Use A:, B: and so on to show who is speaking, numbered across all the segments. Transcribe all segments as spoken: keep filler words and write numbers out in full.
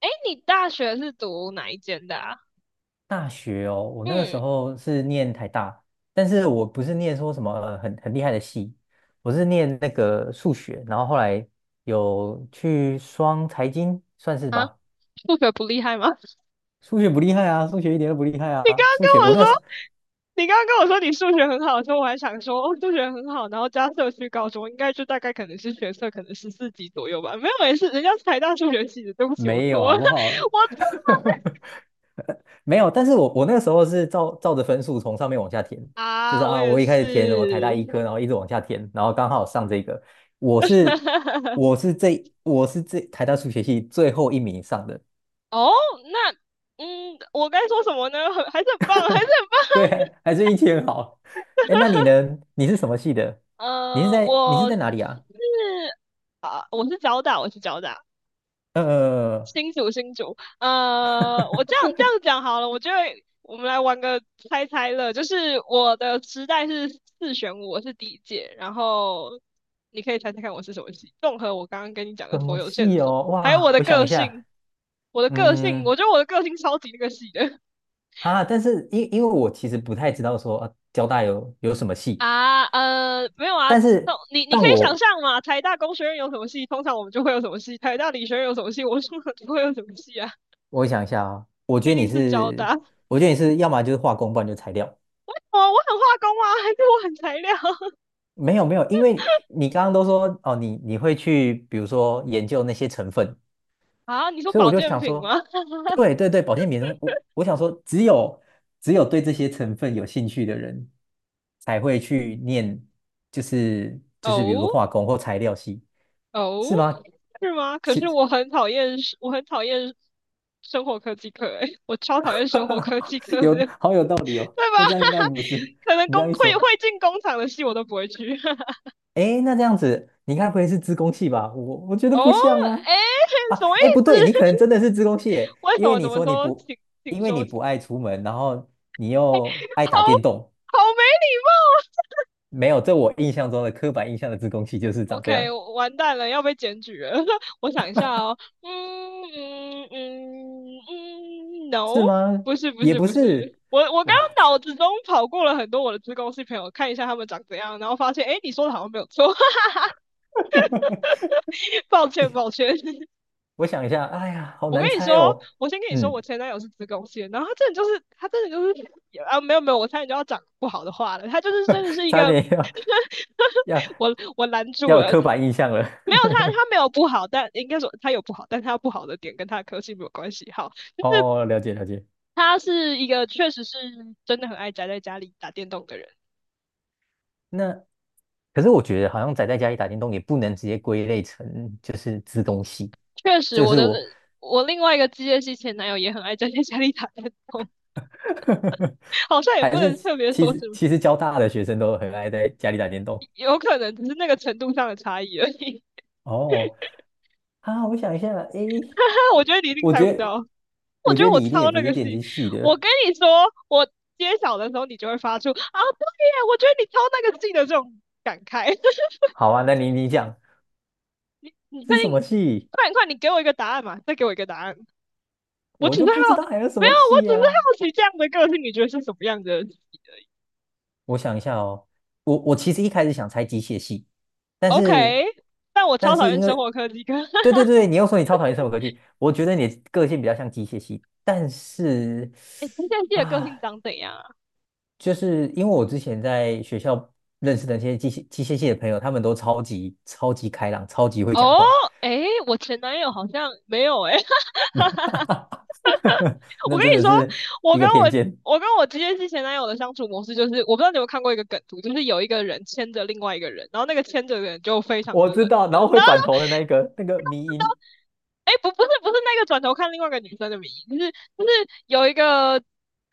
A: 哎，你大学是读哪一间的啊？
B: 大学哦，我那个时
A: 嗯。
B: 候是念台大，但是我不是念说什么呃很很厉害的系，我是念那个数学，然后后来有去双财经，算是
A: 啊，
B: 吧。
A: 数学不厉害吗？
B: 数学不厉害啊，数学一点都不厉害
A: 你刚
B: 啊，数学我
A: 刚跟我说，
B: 那时
A: 你刚刚跟我说你数学很好的时候，我还想说，哦，数学很好，然后加社区高中，应该就大概可能是学测可能十四级左右吧。没有，没事，人家是台大数学系的，对不起，我
B: 没
A: 错
B: 有，好
A: 了。
B: 不好？
A: 我错
B: 没有，但是我我那个时候是照照着分数从上面往下填，就是
A: 啊，我
B: 啊，
A: 也
B: 我一开
A: 是。
B: 始填什么台大医科，然后一直往下填，然后刚好上这个，我是 我是这我是这台大数学系最后一名上的，
A: 哦，那，嗯，我该说什么呢？很还是很棒，还是很棒。
B: 对，还是运气很好。哎，那你呢？你是什么系的？你是
A: 呃，
B: 在你是
A: 我
B: 在
A: 是
B: 哪里啊？
A: 啊，我是交大，我是交大。
B: 呃，
A: 新竹新竹，呃，我这样这样讲好了，我觉得我们来玩个猜猜乐，就是我的时代是四选五，我是第一届，然后你可以猜猜看我是什么系，综合我刚刚跟你讲的
B: 什
A: 所
B: 么
A: 有线
B: 系
A: 索，
B: 哦？
A: 还有我
B: 哇，
A: 的
B: 我想
A: 个
B: 一下，
A: 性，我的个性，我
B: 嗯，
A: 觉得我的个性超级那个系的。
B: 啊，但是因因为我其实不太知道说啊，交大有有什么 系，
A: 啊，呃，没有啊。
B: 但
A: 那
B: 是
A: 你你
B: 但
A: 可以想
B: 我
A: 象嘛，台大工学院有什么系，通常我们就会有什么系；台大理学院有什么系，我们通常就会有什么系啊，
B: 我想一下啊，我觉
A: 毕
B: 得你
A: 竟是交
B: 是，
A: 大。
B: 我觉得你是要么就是化工，不然就材料。
A: 哦，我很化工啊，还是我很材料。
B: 没有没有，因为你刚刚都说哦，你你会去比如说研究那些成分，
A: 啊？你说
B: 所以我
A: 保
B: 就
A: 健
B: 想
A: 品
B: 说，
A: 吗？
B: 对对对，保健品，我我想说，只有只有对这些成分有兴趣的人才会去念，就是就是比如说
A: 哦
B: 化工或材料系，
A: 哦，
B: 是吗？
A: 是吗？可是
B: 是
A: 我很讨厌，我很讨厌生活科技课，诶，我超讨厌生活科技 课的，
B: 有，
A: 对吧？
B: 好有道理哦。那这样应该不是，
A: 可能
B: 你这
A: 工
B: 样一
A: 会
B: 说，
A: 会进工厂的戏我都不会去。
B: 哎，那这样子，你该不会是自工器吧？我我觉得
A: 哦，
B: 不像啊。
A: 哎，
B: 啊，
A: 什么意
B: 哎，不
A: 思？
B: 对，你可能真的是自工器，耶，
A: 为什
B: 因为
A: 么？怎
B: 你
A: 么
B: 说你
A: 说？
B: 不，
A: 请
B: 因
A: 请
B: 为你
A: 说，
B: 不
A: 请。
B: 爱出门，然后你又爱
A: 好
B: 打电动，
A: 好没礼貌。
B: 没有，这我印象中的刻板印象的自工器就是长这
A: OK，
B: 样，
A: 完蛋了，要被检举了。我想一下哦，嗯嗯嗯嗯嗯，no，
B: 是吗？
A: 不是不
B: 也
A: 是
B: 不
A: 不是。
B: 是，
A: 我我刚
B: 哇，
A: 刚脑子中跑过了很多我的自工系朋友，看一下他们长怎样，然后发现，哎，你说的好像没有错。抱歉抱歉。
B: 我想一下，哎呀，好
A: 我跟
B: 难
A: 你
B: 猜
A: 说，
B: 哦。
A: 我先跟你说，我
B: 嗯，
A: 前男友是子宫腺，然后他真的就是，他真的就是啊，没有没有，我差点就要讲不好的话了，他就是真的是一
B: 差
A: 个。
B: 点要要
A: 我我拦住
B: 要有
A: 了。
B: 刻板印象了。
A: 没有他他没有不好，但应该说他有不好，但他不好的点跟他的科系没有关系。好，
B: 哦，了解了解。
A: 他是一个确实是真的很爱宅在家里打电动的人，
B: 那可是我觉得好像宅在家里打电动也不能直接归类成就是资工系。
A: 确
B: 这
A: 实
B: 个
A: 我
B: 是
A: 的。
B: 我
A: 我另外一个机械系前男友也很爱宅在家里打电动，好像也
B: 还
A: 不
B: 是
A: 能
B: 其
A: 特别
B: 其
A: 说
B: 实
A: 什么，
B: 其实交大的学生都很爱在家里打电动。
A: 有可能只是那个程度上的差异而已。
B: 哦，啊，我想一下，诶，
A: 我觉得你一定
B: 我
A: 猜
B: 觉
A: 不
B: 得
A: 到。我
B: 我
A: 觉
B: 觉
A: 得
B: 得
A: 我
B: 你一定也
A: 超
B: 不
A: 那
B: 是
A: 个
B: 电
A: 戏，
B: 机系
A: 我
B: 的。
A: 跟你说，我揭晓的时候，你就会发出啊，对呀，我觉得你超那个戏的这种感慨。
B: 好啊，那你你讲
A: 你确
B: 是什么
A: 定？
B: 系？
A: 快点快点你给我一个答案嘛，再给我一个答案。我
B: 我
A: 只是
B: 就不知
A: 好，
B: 道还有什
A: 没有，
B: 么
A: 我
B: 系
A: 只是
B: 啊。
A: 好奇这样的个性，你觉得是什么样的。
B: 我想一下哦，我我其实一开始想猜机械系，但
A: o k。
B: 是
A: 但我
B: 但
A: 超讨
B: 是
A: 厌
B: 因
A: 生
B: 为，
A: 活科技课。
B: 对对 对，你又说你超讨厌生物科技，我觉得你的个性比较像机械系，但是
A: 哎，这些戏的个
B: 啊，
A: 性长怎样啊？
B: 就是因为我之前在学校认识的那些机械机械系的朋友，他们都超级超级开朗，超级会讲
A: 哦，
B: 话，
A: 哎，我前男友好像没有哎。
B: 那
A: 我跟
B: 真
A: 你
B: 的
A: 说，
B: 是
A: 我
B: 一
A: 跟
B: 个偏
A: 我
B: 见，
A: 我跟我直接是前男友的相处模式，就是我不知道你有没有看过一个梗图，就是有一个人牵着另外一个人，然后那个牵着的人就非常
B: 我
A: 的
B: 知
A: 冷，
B: 道，然后会
A: 然后
B: 转头的那一个那个迷
A: 就
B: 音
A: 知哎，不不是不是那个转头看另外一个女生的名义，就是就是有一个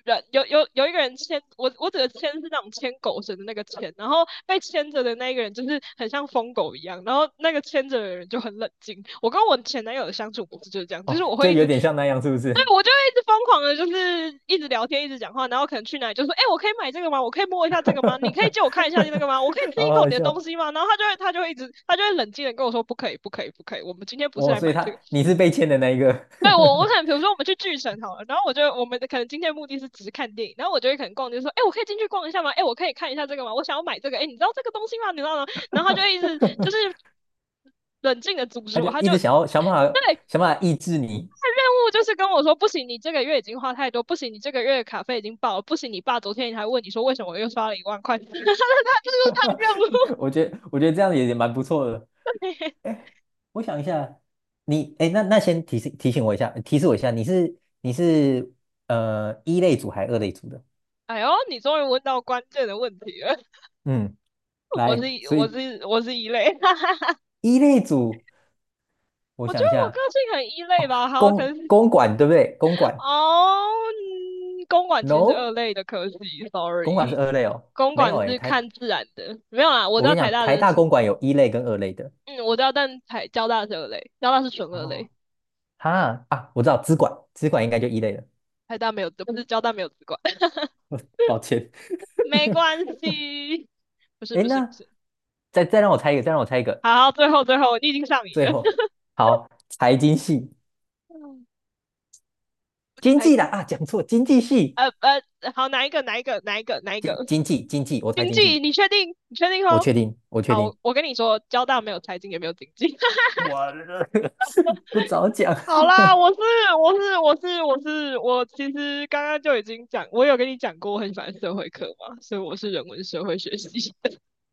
A: 人有有有一个人牵。我我指的牵是那种牵狗绳的那个牵，然后被牵着的那一个人就是很像疯狗一样，然后那个牵着的人就很冷静。我跟我前男友的相处模式就是这样，就
B: 哦，
A: 是我会
B: 就
A: 一
B: 有
A: 直
B: 点像那样，是不
A: 对，
B: 是？
A: 我就会一直疯狂的，就是一直聊天，一直讲话，然后可能去哪里就说，哎、欸我可以买这个吗？我可以摸一下这个吗？你可以借我看一下那个吗？我可以 吃
B: 好
A: 一口你
B: 好
A: 的东
B: 笑
A: 西吗？然后他就会，他就会一直，他就会冷静的跟我说，不可以，不可以，不可以，我们今天不是
B: 哦！
A: 来
B: 所以
A: 买这
B: 他
A: 个。
B: 你是被欠的那一个，
A: 对。我，我可能比如说我们去巨神好了，然后我就我们的可能今天的目的是只是看电影，然后我就会可能逛街说，哎、欸我可以进去逛一下吗？哎、欸我可以看一下这个吗？我想要买这个，哎、欸你知道这个东西吗？你知道吗？然后他就一直就是冷静的阻 止
B: 他就
A: 我，他
B: 一
A: 就
B: 直想要想办法
A: 对。
B: 想办法抑制你。
A: 任务就是跟我说，不行，你这个月已经花太多，不行，你这个月卡费已经爆了，不行，你爸昨天还问你说为什么我又刷了一万块。他 他这就是他任务。
B: 我觉得我觉得这样也也蛮不错的。哎，我想一下，你哎，那那先提醒提醒我一下，提示我一下，你是你是呃一类组还是二类组的？
A: 哎呦，你终于问到关键的问题了，
B: 嗯，
A: 我是
B: 来，所
A: 我
B: 以
A: 是我是一类。
B: 一类组，我
A: 我觉
B: 想
A: 得
B: 一
A: 我个
B: 下，
A: 性很一类
B: 哦，
A: 吧。好，可
B: 公
A: 是
B: 公馆对不对？公馆
A: 哦，嗯公馆其实是二
B: ，no，
A: 类的，可惜
B: 公馆是
A: ，sorry，
B: 二类哦，
A: 公
B: 没有
A: 馆
B: 哎，
A: 是
B: 台
A: 看自然的，没有啦，我
B: 我
A: 知道
B: 跟你
A: 台
B: 讲，
A: 大
B: 台
A: 的
B: 大
A: 是，
B: 公馆有一类跟二类的。
A: 嗯，我知道，但台交大是二类，交大是纯二
B: 哦，
A: 类，
B: 哈，啊，我知道资管，资管应该就一类了，
A: 台大没有，不是交大没有资管。
B: 抱歉。
A: 没关 系。不是
B: 哎
A: 不是不
B: 那
A: 是。
B: 再再让我猜一个，再让我猜一个，
A: 好，最后最后，你已经上瘾
B: 最
A: 了。
B: 后好，财经系，经
A: 还
B: 济啦啊，讲错，经济系，
A: 呃呃，好，哪一个哪一个哪一个哪一个？
B: 经经济经济，我猜
A: 经
B: 经济，
A: 济，你确定？你确定
B: 我
A: 哦？
B: 确定，我确
A: 好，
B: 定，
A: 我我跟你说，交大没有财经，也没有经济。
B: 哇，不早讲，
A: 好啦，我是我是我是我是我，其实刚刚就已经讲，我有跟你讲过，我很喜欢社会课嘛，所以我是人文社会学习。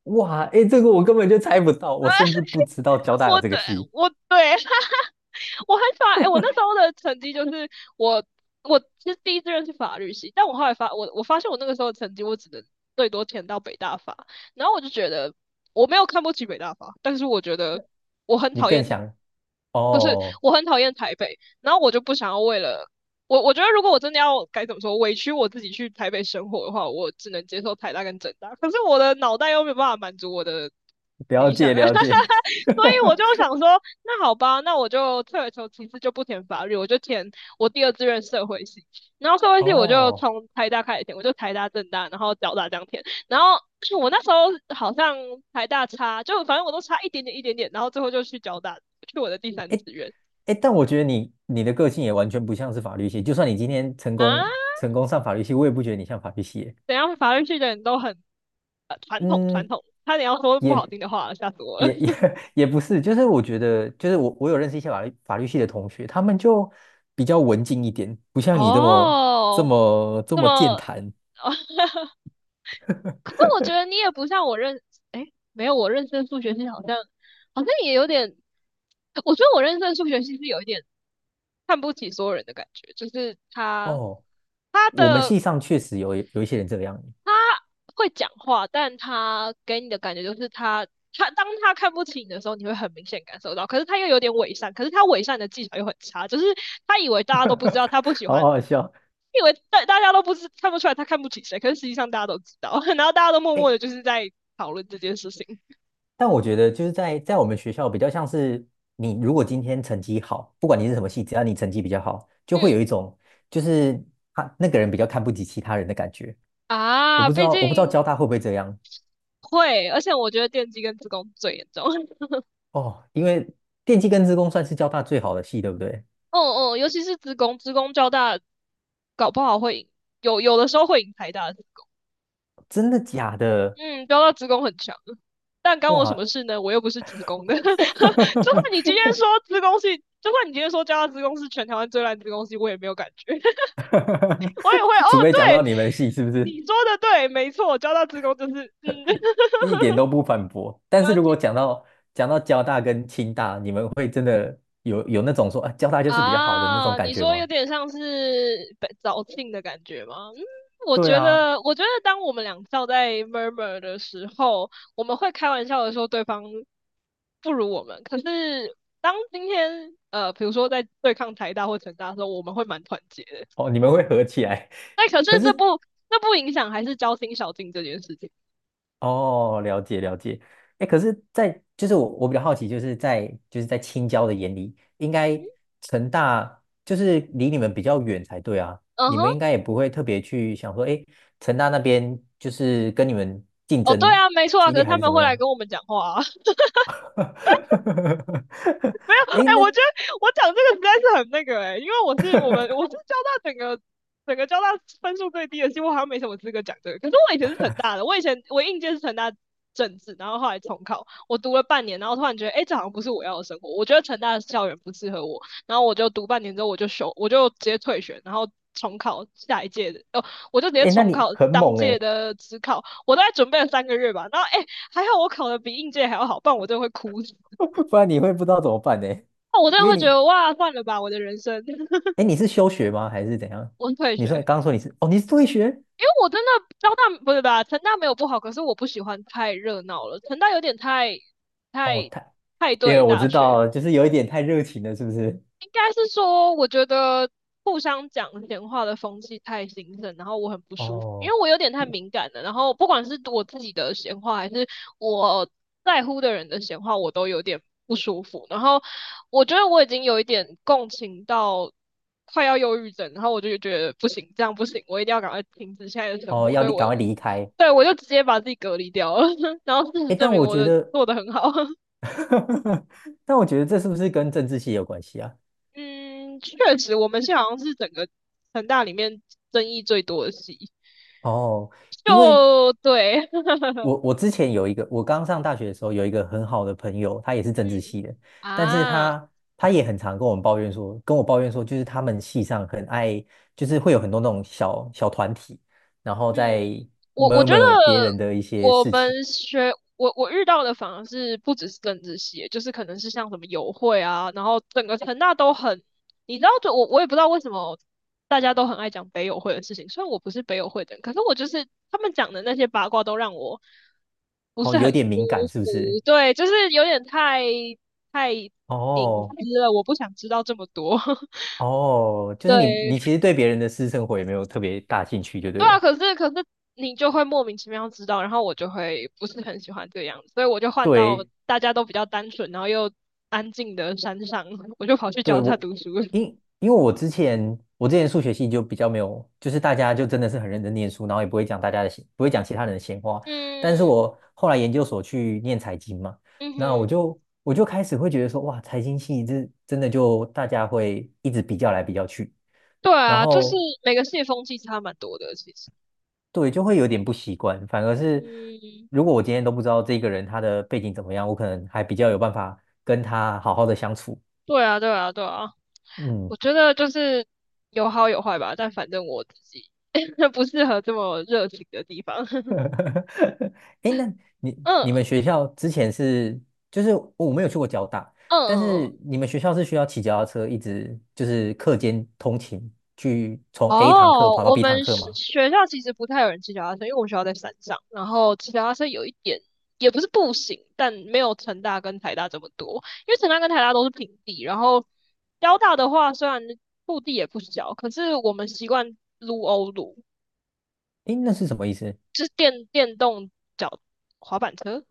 B: 哇，哎，这个我根本就猜不到，我甚至不知道交 大有
A: 我
B: 这个
A: 对
B: 系，
A: 我对。我还发，哎、欸我那时候的成绩就是我，我其实第一志愿是法律系，但我后来发，我我发现我那个时候的成绩，我只能最多填到北大法，然后我就觉得我没有看不起北大法，但是我觉得我很
B: 你
A: 讨
B: 更
A: 厌他。
B: 想，哦，
A: 我很讨厌台北，然后我就不想要为了我，我觉得如果我真的要该怎么说委屈我自己去台北生活的话，我只能接受台大跟政大，可是我的脑袋又没有办法满足我的
B: 了
A: 理想。
B: 解
A: 所
B: 了解，
A: 以 我就想说，那好吧，那我就退而求其次，就不填法律，我就填我第二志愿社会系，然后社会系我就
B: 哦。
A: 从台大开始填，我就台大、政大，然后交大这样填，然后 我那时候好像台大差，就反正我都差一点点一点点，然后最后就去交大，去我的第三
B: 哎，
A: 志愿。
B: 哎，但我觉得你你的个性也完全不像是法律系，就算你今天成
A: 啊，
B: 功成功上法律系，我也不觉得你像法律系耶
A: 等一下法律系的人都很呃传统传
B: 嗯，
A: 统，差点要说不好
B: 也
A: 听的话了，吓死我了。
B: 也也 也不是，就是我觉得，就是我我有认识一些法律法律系的同学，他们就比较文静一点，不像你这么这
A: 哦，
B: 么这
A: 那
B: 么健
A: 么，
B: 谈。
A: 哦。 可是我觉得你也不像我认，诶，没有我认识的数学系好像好像也有点，我觉得我认识的数学系是有一点看不起所有人的感觉，就是他
B: 哦，
A: 他
B: 我们
A: 的
B: 系上确实有有一些人这样，
A: 他会讲话，但他给你的感觉就是他他当他看不起你的时候，你会很明显感受到。可是他又有点伪善，可是他伪善的技巧又很差，就是他以为大家都不知道他不喜
B: 好
A: 欢，
B: 好笑。
A: 以为大大家都不知看不出来他看不起谁，可是实际上大家都知道。然后大家都默默
B: 哎
A: 的就是在讨论这件事情。
B: 但我觉得就是在在我们学校比较像是你如果今天成绩好，不管你是什么系，只要你成绩比较好，就会
A: 嗯
B: 有一种就是他那个人比较看不起其他人的感觉。我
A: 啊，
B: 不知
A: 毕
B: 道
A: 竟。
B: 我不知道交大会不会这样
A: 会，而且我觉得电机跟职工最严重。
B: 哦，因为电气跟资工算是交大最好的系，对不对？
A: 哦哦，尤其是职工，职工交大搞不好会赢，有有的时候会赢台大的资。
B: 真的假的？
A: 嗯，交大子宫很强。但干我什么
B: 哇，
A: 事呢？我又不是子宫的。就算 你今天说子宫是，就算你今天说交大子宫是全台湾最烂子宫系，我也没有感觉，我也会。哦，
B: 除非讲
A: 对，
B: 到你们系是不是
A: 你说的对，没错，交大子宫就是，嗯，
B: 一点都不反驳？但是
A: 呃
B: 如果讲到讲到交大跟清大，你们会真的有有那种说啊，交大就是比较好的那种
A: 啊，
B: 感
A: 你
B: 觉
A: 说有
B: 吗？
A: 点像是被早庆的感觉吗？嗯，我
B: 对
A: 觉
B: 啊，
A: 得，我觉得当我们两校在 murmur 的时候，我们会开玩笑的说对方不如我们。可是当今天，呃，比如说在对抗台大或成大的时候，我们会蛮团结的。
B: 哦，你们会合起来，
A: 那可 是
B: 可
A: 这
B: 是
A: 不，这不影响还是交心小静这件事情。
B: 哦，了解了解。哎，可是在，就是我我比较好奇，就是在就是在青椒的眼里，应该成大就是离你们比较远才对啊，
A: 嗯
B: 你
A: 哼。
B: 们应该也不会特别去想说，哎，成大那边就是跟你们竞
A: 哦，对
B: 争
A: 啊，没错啊。
B: 激
A: 可
B: 烈
A: 是
B: 还
A: 他
B: 是
A: 们
B: 怎么
A: 会来
B: 样？
A: 跟我们讲话啊。
B: 哎
A: 哎，
B: 那
A: 我觉得我讲这个实在是很那个，哎，因为我是我们我是交大整个整个交大分数最低的，几乎好像没什么资格讲这个。可是我以前是成大的，我以前我应届是成大政治，然后后来重考，我读了半年，然后突然觉得，哎，这好像不是我要的生活，我觉得成大的校园不适合我，然后我就读半年之后我就休，我就直接退学，然后重考下一届的。哦，我就直接
B: 哎那
A: 重
B: 你
A: 考
B: 很
A: 当
B: 猛
A: 届
B: 哎，
A: 的职考，我大概准备了三个月吧。然后，哎，还好我考的比应届还要好，不然我真的会哭死。
B: 不然你会不知道怎么办呢？
A: 那我真
B: 因
A: 的
B: 为
A: 会觉
B: 你
A: 得哇，算了吧，我的人生。
B: 哎 你是休学吗？还是怎样？
A: 我退
B: 你
A: 学，
B: 说刚刚
A: 因
B: 说你是哦，你是退学？
A: 为我真的交大不是吧，成大没有不好，可是我不喜欢太热闹了，成大有点太
B: 哦，
A: 太
B: 太，
A: 太
B: 因为
A: 对
B: 我
A: 大
B: 知
A: 学，
B: 道，就是有一点太热情了，是不是？
A: 应该是说，我觉得互相讲闲话的风气太兴盛，然后我很不舒服，因
B: 哦
A: 为我有点太敏感了。然后不管是我自己的闲话，还是我在乎的人的闲话，我都有点不舒服。然后我觉得我已经有一点共情到快要忧郁症，然后我就觉得不行，这样不行，我一定要赶快停止现在的生
B: 哦，
A: 活。所
B: 要
A: 以
B: 你
A: 我
B: 赶快离开。
A: 对我就直接把自己隔离掉了，然后事实
B: 诶，
A: 证
B: 但
A: 明
B: 我
A: 我
B: 觉
A: 的
B: 得，
A: 做的很好。
B: 但我觉得这是不是跟政治系有关系啊？
A: 嗯，确实，我们系好像是整个成大里面争议最多的系，
B: 哦，因为
A: 就对，
B: 我我之前有一个，我刚上大学的时候有一个很好的朋友，他也是政治系
A: 嗯
B: 的，但是
A: 啊，
B: 他他也很常跟我们抱怨说，跟我抱怨说，就是他们系上很爱，就是会有很多那种小小团体，然后
A: 嗯。
B: 在
A: 我我觉得
B: murmur 别人的一些
A: 我
B: 事情，
A: 们学我我遇到的反而是不只是政治系，就是可能是像什么友会啊，然后整个成大都很，你知道，就我我也不知道为什么大家都很爱讲北友会的事情，虽然我不是北友会的人，可是我就是他们讲的那些八卦都让我不
B: 哦，
A: 是很
B: 有
A: 舒
B: 点敏感，是不
A: 服，
B: 是？
A: 对，就是有点太太隐
B: 哦
A: 私了，我不想知道这么多，
B: 哦，就是你，
A: 对。
B: 你其实对别人的私生活也没有特别大兴趣，就
A: 对
B: 对了。
A: 啊，可是可是你就会莫名其妙知道，然后我就会不是很喜欢这个样子，所以我就换到
B: 对，
A: 大家都比较单纯，然后又安静的山上，我就跑去
B: 对，
A: 教他
B: 我，
A: 读书了。
B: 因因为我之前我之前数学系就比较没有，就是大家就真的是很认真念书，然后也不会讲大家的闲，不会讲其他人的闲话。但是
A: 嗯
B: 我后来研究所去念财经嘛，
A: 嗯
B: 那我
A: 哼，
B: 就我就开始会觉得说，哇，财经系这真的就大家会一直比较来比较去，
A: 对
B: 然
A: 啊，就是
B: 后
A: 每个系的风气差蛮多的，其实。
B: 对，就会有点不习惯。反而是
A: 嗯，
B: 如果我今天都不知道这个人他的背景怎么样，我可能还比较有办法跟他好好的相处。
A: 对啊对啊对啊，我
B: 嗯，
A: 觉得就是有好有坏吧，但反正我自己 不适合这么热情的地方。
B: 哎那你你
A: 嗯
B: 们学校之前是就是我没有去过交大，
A: 嗯
B: 但
A: 嗯
B: 是
A: 嗯。
B: 你们学校是需要骑脚踏车一直就是课间通勤去从 A 堂课
A: 哦，
B: 跑到
A: 我
B: B 堂
A: 们
B: 课
A: 是
B: 吗？
A: 学校其实不太有人骑脚踏车，因为我们学校在山上，然后骑脚踏车有一点也不是不行，但没有成大跟台大这么多，因为成大跟台大都是平地，然后交大的话虽然陆地也不小，可是我们习惯撸欧撸，
B: 哎，那是什么意思？
A: 就是电电动脚滑板车，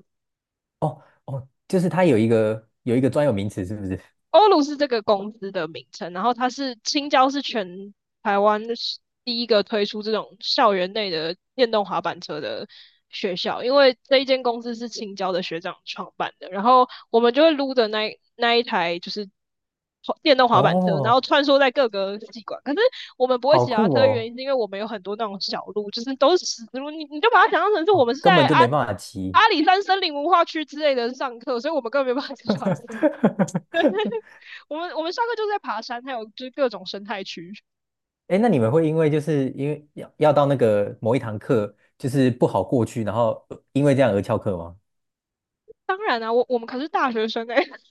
B: 哦哦，就是它有一个有一个专有名词，是不是？
A: 欧陆是这个公司的名称，然后它是青椒是全台湾是第一个推出这种校园内的电动滑板车的学校，因为这一间公司是青椒的学长创办的，然后我们就会撸着那那一台就是电动滑板车，然后
B: 哦，
A: 穿梭在各个系馆。可是我们不会
B: 好
A: 骑脚踏
B: 酷
A: 车，原
B: 哦！
A: 因是因为我们有很多那种小路，就是都是石子路。你你就把它想象成是我
B: 哦，
A: 们是
B: 根
A: 在
B: 本就
A: 阿
B: 没办法骑，
A: 阿里山森林文化区之类的上课，所以我们根本没办法骑脚踏车。我们我们上课就是在爬山，还有就是各种生态区。
B: 哎那你们会因为就是因为要要到那个某一堂课，就是不好过去，然后呃因为这样而翘课吗？
A: 当然啊，我我们可是大学生哎，欸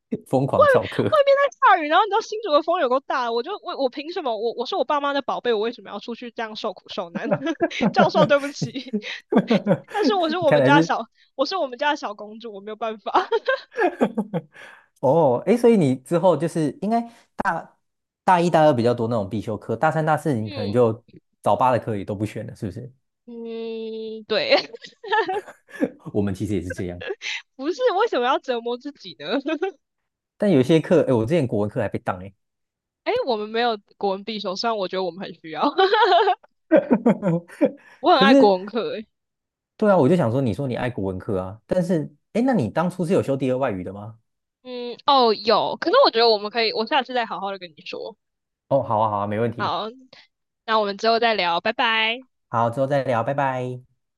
B: 疯狂翘课，
A: 外面在下雨，然后你知道新竹的风有够大，我就我我凭什么？我我是我爸妈的宝贝，我为什么要出去这样受苦受难？教授，对不
B: 你
A: 起，但是我是
B: 你
A: 我
B: 看
A: 们
B: 来
A: 家
B: 是
A: 小，我是我们家的小公主，我没有办法。
B: 哦，哎，所以你之后就是应该大大一、大二比较多那种必修课，大三、大四你可能
A: 嗯
B: 就早八的课也都不选了，是不是？
A: 嗯，对，
B: 我们其实也是这样，
A: 不是为什么要折磨自己呢？
B: 但有些课，哎，我之前国文课还被当哎，
A: 哎，我们没有国文必修，虽然我觉得我们很需要。我很
B: 可
A: 爱
B: 是
A: 国文课，哎。
B: 对啊，我就想说，你说你爱国文科啊，但是，哎，那你当初是有修第二外语的吗？
A: 嗯，哦，有，可是我觉得我们可以，我下次再好好的跟你说。
B: 哦，好啊，好啊，没问题，
A: 好，那我们之后再聊，拜拜。
B: 好，之后再聊，拜拜。